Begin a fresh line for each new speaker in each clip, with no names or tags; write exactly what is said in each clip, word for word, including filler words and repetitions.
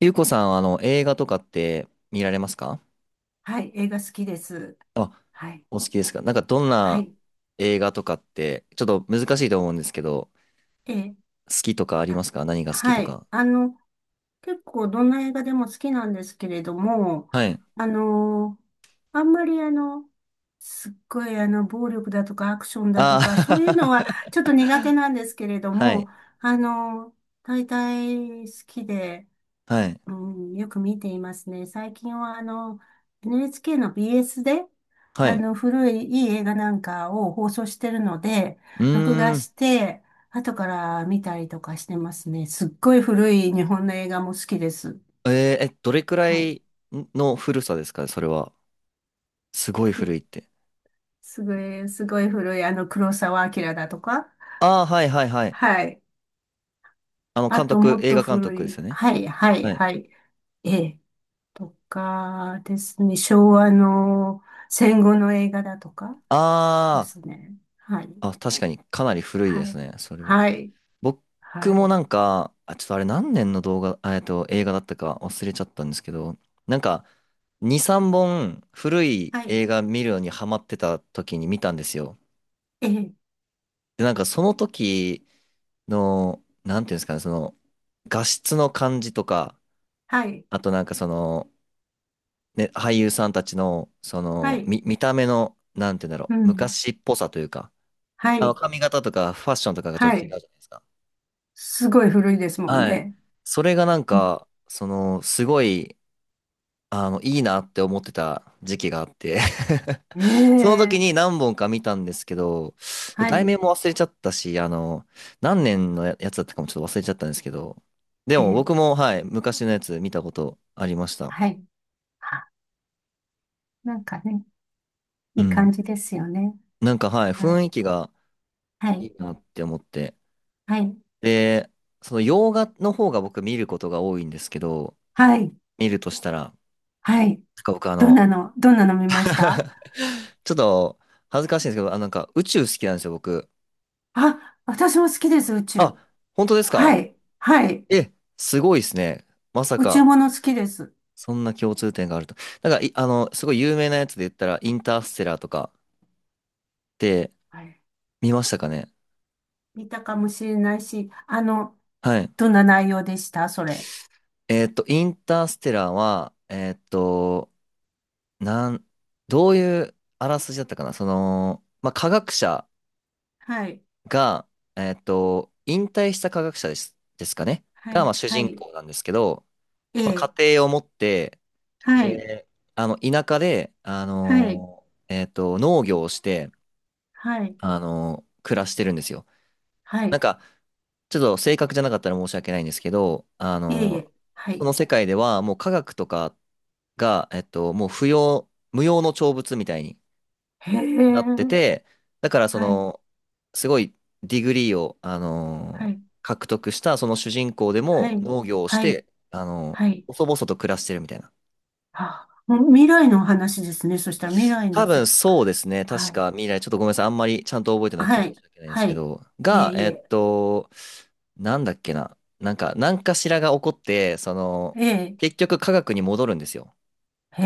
ゆうこさんは、あの、映画とかって見られますか？
はい、映画好きです。
あ、
はい、
お好きですか？なんか、どん
は
な
い、
映画とかって、ちょっと難しいと思うんですけど、
えー、
好きとかありま
あ、
すか？何が好きと
はい、
か。
あの、結構どんな映画でも好きなんですけれども、
はい。
あのーあんまりあの、すっごいあの、暴力だとかアクションだと
あ
か、そういうのはちょっと苦手
あ
なんですけれ ど
は
も、
い。
あのー大体好きで、
はい。
うん、よく見ていますね。最近はあの、エヌエイチケー の ビーエス で、
は
あ
い。
の、古いいい映画なんかを放送してるので、
う
録画
ーん。
して、後から見たりとかしてますね。すっごい古い日本の映画も好きです。
えーえ、どれくら
はい。
いの古さですかそれは？すごい古いって。
すごい、すごい古い、あの、黒澤明だとか。
ああ、はいはいはい。
はい。
あの、
あ
監
と、
督、
もっ
映
と
画監
古
督です
い。
よね。
はい、はい、
はい。
はい。ええ。とかですね。昭和の戦後の映画だとかで
あ
すね。はい。
あ、あ、確かにかなり古いで
は
す
い。
ね。それは。
はい。は
僕も
い。
なんか、あ、ちょっとあれ何年の動画、あえっと、映画だったか忘れちゃったんですけど、なんか、に、さんぼん古い
はい。
映画見るのにハマってた時に見たんですよ。
ええ。
で、なんかその時の、なんていうんですかね、その、画質の感じとか、
はい。
あとなんかその、ね、俳優さんたちの、そ
は
の、
い。
見、見た目の、なんていうんだろ
う
う、
ん。
昔っぽさというか、
は
あの、
い。
髪型とかファッションとかがちょっ
は
と違うじゃ
い。
ないですか。
すごい古いですもん
はい。
ね。
それがなん
うん。
か、その、すごい、あの、いいなって思ってた時期があって
え
その時に
え。
何本か見たんですけど、
は
題
い。
名も忘れちゃったし、あの、何年のやつだったかもちょっと忘れちゃったんですけど、で
え
も
え。
僕も、はい、昔のやつ見たことありました。
はい。あ、なんかね、
う
いい感
ん。
じですよね。
なんか、はい、
は
雰
い。
囲気が
は
い
い。
いなって思って。
はい。
で、その洋画の方が僕見ることが多いんですけど、
はい。
見るとしたら、なん
はい。
か僕あ
どん
の、
なの、どんなの見ました？
ちょっと恥ずかしいんですけど、あ、なんか宇宙好きなんですよ、僕。
あ、私も好きです、宇宙。
あ、本当です
は
か？
い。はい。
え、すごいですね。まさ
宇宙
か、
もの好きです。
そんな共通点があると。なんか、い、あの、すごい有名なやつで言ったら、インターステラーとかって
はい。
見ましたかね？
見たかもしれないし、あの、
はい。
どんな内容でしたそれ？
えーっと、インターステラーは、えーっと、なん、どういうあらすじだったかな。その、まあ、科学者
はい。
が、えーっと、引退した科学者です、ですかね
は
が、ま
い、
あ、主
は
人
い、
公なんですけど、
え
まあ、
え、
家庭を持って、
はい、
で、あの、田舎で、あ
はい、
のーえーっと、農業をして、
はい、
あの、暮らしてるんですよ。
は
なん
い、
か、ちょっと正確じゃなかったら申し訳ないんですけど、あ
いえい
の、
え、は
そ
い、
の世界ではもう科学とかが、えっと、もう不要、無用の長物みたいに
へ
な
え、
ってて、だからそ
はい、
の、すごいディグリーを、あ
は
の、
い、
獲得したその主人公で
は
も
い、
農業をし
はい、
て、あの、
はい、
細々と暮らしてるみたいな。
あ、もう未来のお話ですね。そしたら未来の
多
せ、
分そうですね。
は
確
い、
か未来、ちょっとごめんなさい。あんまりちゃんと覚えてなくて
は
申
い、
し訳ないです
は
け
い、
ど、
いえ
が、
い
えっ
え、
と、なんだっけな。なんか、何かしらが起こって、その、
ええ、
結局科学に戻るんですよ。
へ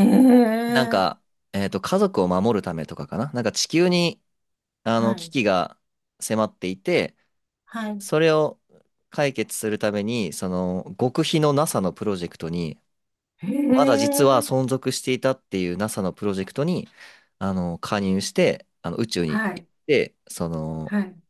なん
え、
か、えっと、家族を守るためとかかな。なんか地球に、あ
は
の、危
い、
機が迫っていて、
はい、
それを解決するために、その、極秘の NASA のプロジェクトに、
へ
まだ実は
え、
存続していたっていう NASA のプロジェクトに、あの、加入して、あの、宇宙に
は
行っ
い、
て、その、
はい。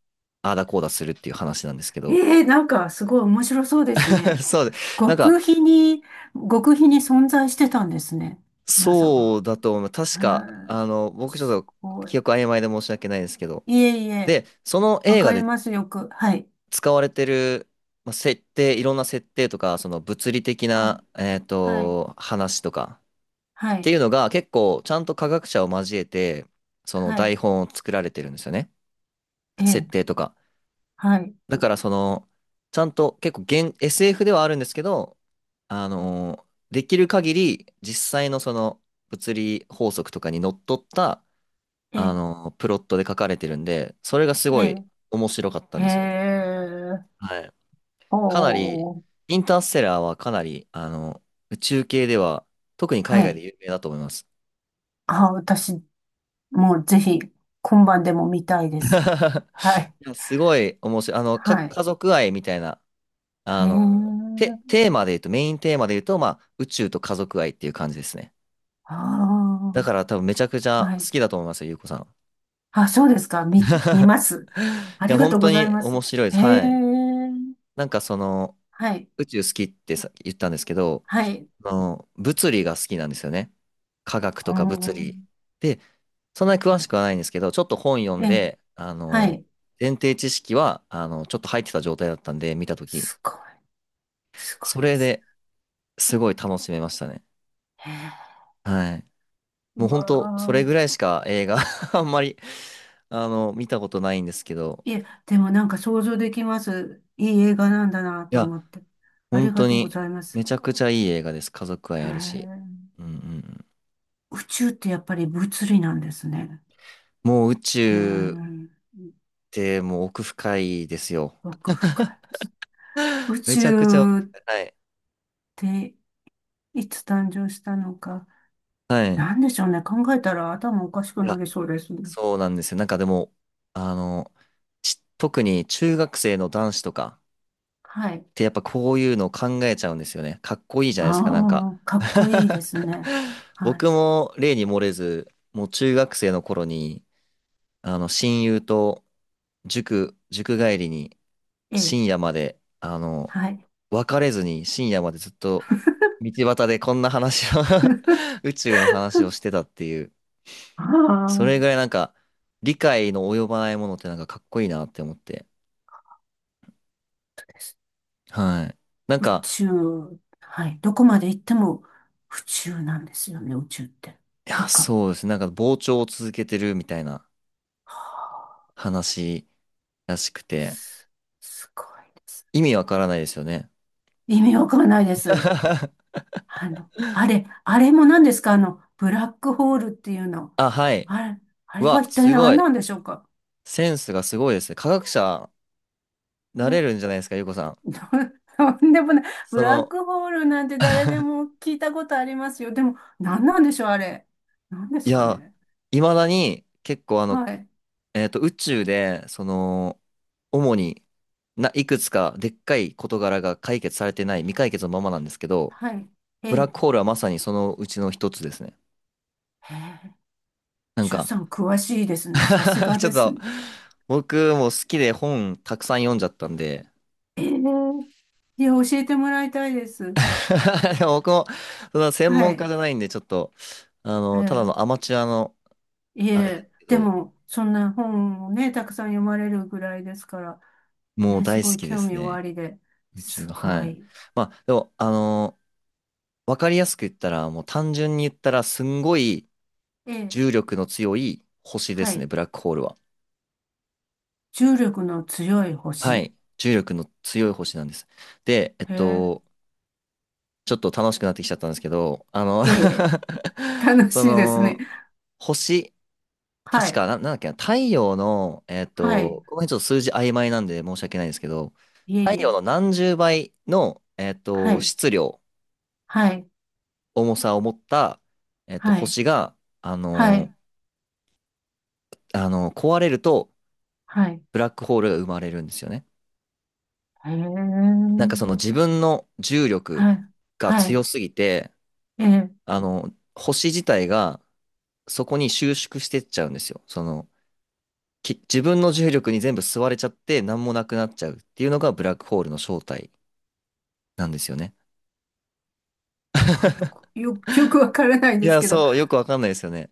ああだこうだするっていう話なんですけど。
ええ、なんかすごい面白そうです ね。
そうで、なんか、
極秘に、極秘に存在してたんですね。NASA が。
そうだと思う。確か、
へ
あの、
え、
僕ち
す
ょっと
ごい。
記憶曖昧で申し訳ないですけど。
いえいえ、
で、その
わ
映画
かり
で
ます、よく。はい。
使われてる、まあ、設定、いろんな設定とか、その物理的
はい。
な、えっ
はい。
と、話とか
は
って
い。
いうのが結構ちゃんと科学者を交えて、その
は
台
い。
本を作られてるんですよね。
え
設
え、
定とか。
はい。
だからその、ちゃんと結構現 エスエフ ではあるんですけど、あのーできる限り実際のその物理法則とかにのっとった、
え
あ
え、
のープロットで書かれてるんで、それがすごい
え
面白かった
え、
ん
へ
ですよ。
え。
はい。
おーお
かなり、
ー。おー、
インターステラーはかなり、あの、宇宙系では、特に海
は
外で
い。
有名だと思います。
あ、私、もうぜひ、今晩でも見たいで す。はい。
いや、すごい面白い。あの、か、
はい。
家族愛みたいな
へ
あ
え。
の、て、テーマで言うと、メインテーマで言うと、まあ、宇宙と家族愛っていう感じですね。だ
あ
から多分めちゃくち
あ。
ゃ
は
好
い。
きだと思いますよ、ゆうこさん。
あ、そうですか。見
い
見ます。あり
や、
が
本
とうご
当
ざい
に
ます。
面白いです。
へえ。
はい。なんかその、
はい。
宇宙好きってさ、言ったんですけど、
はい。
あの、物理が好きなんですよね。科学
うー
とか物理。
ん。
で、そんなに詳
は
し
い、
くはないんですけど、ちょっと本読
え
ん
え。
で、あ
は
の、
い。
前提知識は、あの、ちょっと入ってた状態だったんで、見たとき。
すごい。すごい
そ
で
れ
す。
ですごい楽しめましたね。
へえ。
はい。もう
う
ほんと、そ
わ
れぐ
あ。
らいしか映画 あんまり、あの、見たことないんですけど、
いえ、でもなんか想像できます。いい映画なんだな
い
と
や、
思って。あ
本
りが
当
とうご
に、
ざいます。
めちゃくちゃいい映画です。家族愛
へ
あるし。
え。
うんうんうん。
宇宙ってやっぱり物理なんですね。
もう宇
うー
宙っ
ん。
てもう奥深いですよ。
奥深いです。宇
めちゃくちゃ奥
宙っ
深い。
ていつ誕生したのか。
はい。はい。い
なんでしょうね。考えたら頭おかしくな
や、
りそうですね。
そうなんですよ。なんかでも、あの、ち特に中学生の男子とか、
はい。
てやっぱこういうのを考えちゃうんですよね。かっこいいじゃないですか、なんか。
ああ、かっこいいで すね。は
僕
い。
も例に漏れず、もう中学生の頃に、あの、親友と塾、塾帰りに
ええ、
深夜まで、あの、
はい。
別れずに深夜までずっと道端でこんな話を 宇宙の話をしてたっていう、
あ
それぐ
あ、
らいなんか、理解の及ばないものってなんかかっこいいなって思って。
です
はい。なん
宇
か、
宙。はい。どこまで行っても宇宙なんですよね、宇宙って。
いや、
とか。
そうですね。なんか膨張を続けてるみたいな。
はあ、
話らしくて、
す、すごいです。
意味わからないですよね。
意味わかんないです。あの、あれ、あれも何ですか、あの、ブラックホールっていうの？
あ、はい。
あれ、あ
う
れは
わ、
一体
すご
何
い。
なんでしょうか？
センスがすごいですね。科学者、なれ
え。
るんじゃないですか、ゆうこさん。
とんでもない。ブ
そ
ラッ
の、
クホールなんて誰で も聞いたことありますよ。でも、何なんでしょう、あれ。何で
い
すか
や、
ね。
いまだに結構あの、
はい。
えっと、宇宙で、その、主にな、いくつかでっかい事柄が解決されてない、未解決のままなんですけど、
はい。え
ブラッ
え。
クホールはまさにそのうちの一つですね。
へえ。
なん
しゅん
か
さん、詳しいですね。さす が
ちょっ
です
と、
ね。
僕も好きで本たくさん読んじゃったんで、
ええ。いや、教えてもらいたいです。
でも僕も、その専
は
門家
い。
じゃないんで、ちょっと、あ
え
の、ただのア
え。
マチュアの、
い
あれです
え、
け
で
ど、
も、そんな本をね、たくさん読まれるぐらいですから、
もう
ね、す
大好
ごい
きで
興
す
味おあ
ね。
りで、
うち
す
は、は
ご
い。
い。
まあ、でも、あの、わかりやすく言ったら、もう単純に言ったら、すんごい
ええ。
重力の強い星で
は
すね、
い。
ブラックホールは。
重力の強い
は
星。
い。重力の強い星なんです。で、えっ
へえ。
と、ちょっと楽しくなってきちゃったんですけど、あの
ええ。楽
そ
しいですね。
の、星、
は
確か、
い。
な、なんだっけな、太陽の、えっ
はい。
と、この辺ちょっと数字曖昧なんで申し訳ないんですけど、
いえい
太陽
え。
の何十倍の、えっ
は
と、
い。
質量、
はい。
重さを持った、えっと、
はい。
星が、あ
はい。
のーあのー壊れると、
はい。
ブラックホールが生まれるんですよね。
へえ。
なんかその自分の重力
はい。
が
は
強
い。
すぎて、
ええ。
あの、星自体がそこに収縮してっちゃうんですよ。その、き自分の重力に全部吸われちゃって、何もなくなっちゃうっていうのがブラックホールの正体。なんですよね。
はい。よく、よく、よくわからない
い
です
や、
けど。
そう、よくわかんないですよね。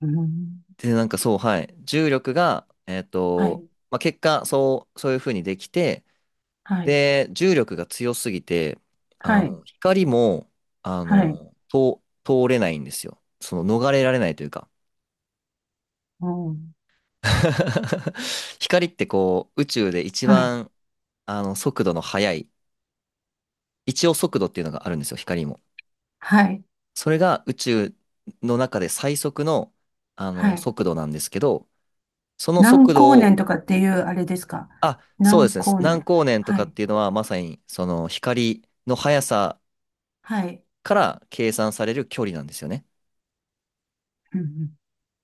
うん。
で、なんかそう、はい。重力が、えっ
は
と、
い。
まあ、結果、そう、そういうふうにできて、
はい。
で、重力が強すぎて、
は
あ
い。
の、光も、あ
はい。
の、通、通れないんですよ。その、逃れられないというか。
うん。
光ってこう、宇宙で一
はい。
番、あの、速度の速い、一応速度っていうのがあるんですよ、光も。
はい。
それが宇宙の中で最速の、あ
は
の、
い。
速度なんですけど、その
何
速
光
度
年
を、
とかっていうあれですか？
あ、そうで
何
すね。
光
何
年。
光年と
は
かっ
い。
ていうのは、まさに、その、光の速さ
はい。
から計算される距離なんですよね。
うんうん。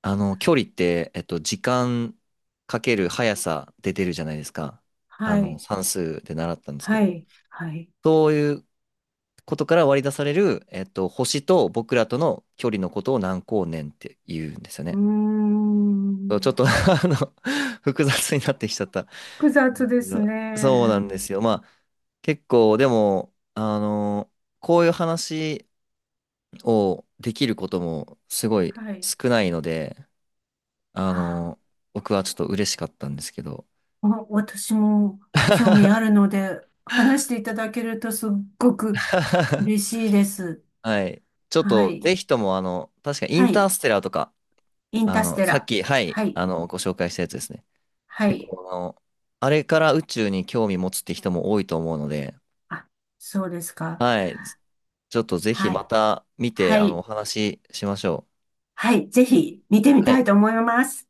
あの、距離って、えっと、時間かける速さで出るじゃないですか。あ
は
の、
い。
算数で習ったんですけ
は
ど。
い。はい。
そういうことから割り出される、えっと、星と僕らとの距離のことを何光年って言うんですよ
うー
ね。そうちょっ
ん。
と あの、複雑になってきちゃったんで
複雑
す
で
け
す
ど。そうな
ね。
んですよ。まあ結構でも、あのこういう話をできることもすごい
はい。
少ないので、あ
はあ、
の僕はちょっと嬉しかったんですけど。
お私も興味ある ので、話していただけるとすっごく嬉しいです。
はい。ちょっ
は
と、
い。
ぜひとも、あの、確かイ
は
ンター
い。
ステラーとか、
インタ
あ
ース
の、
テ
さっ
ラ。
き、はい、
はい。
あの、ご紹介したやつですね。
は
結
い。
構、あの、あれから宇宙に興味持つって人も多いと思うので、
あ、そうですか。
はい。ちょっとぜひ
は
ま
い。
た見て、
は
あの、お
い。
話ししましょう。
はい。ぜひ見てみ
は
た
い。
いと思います。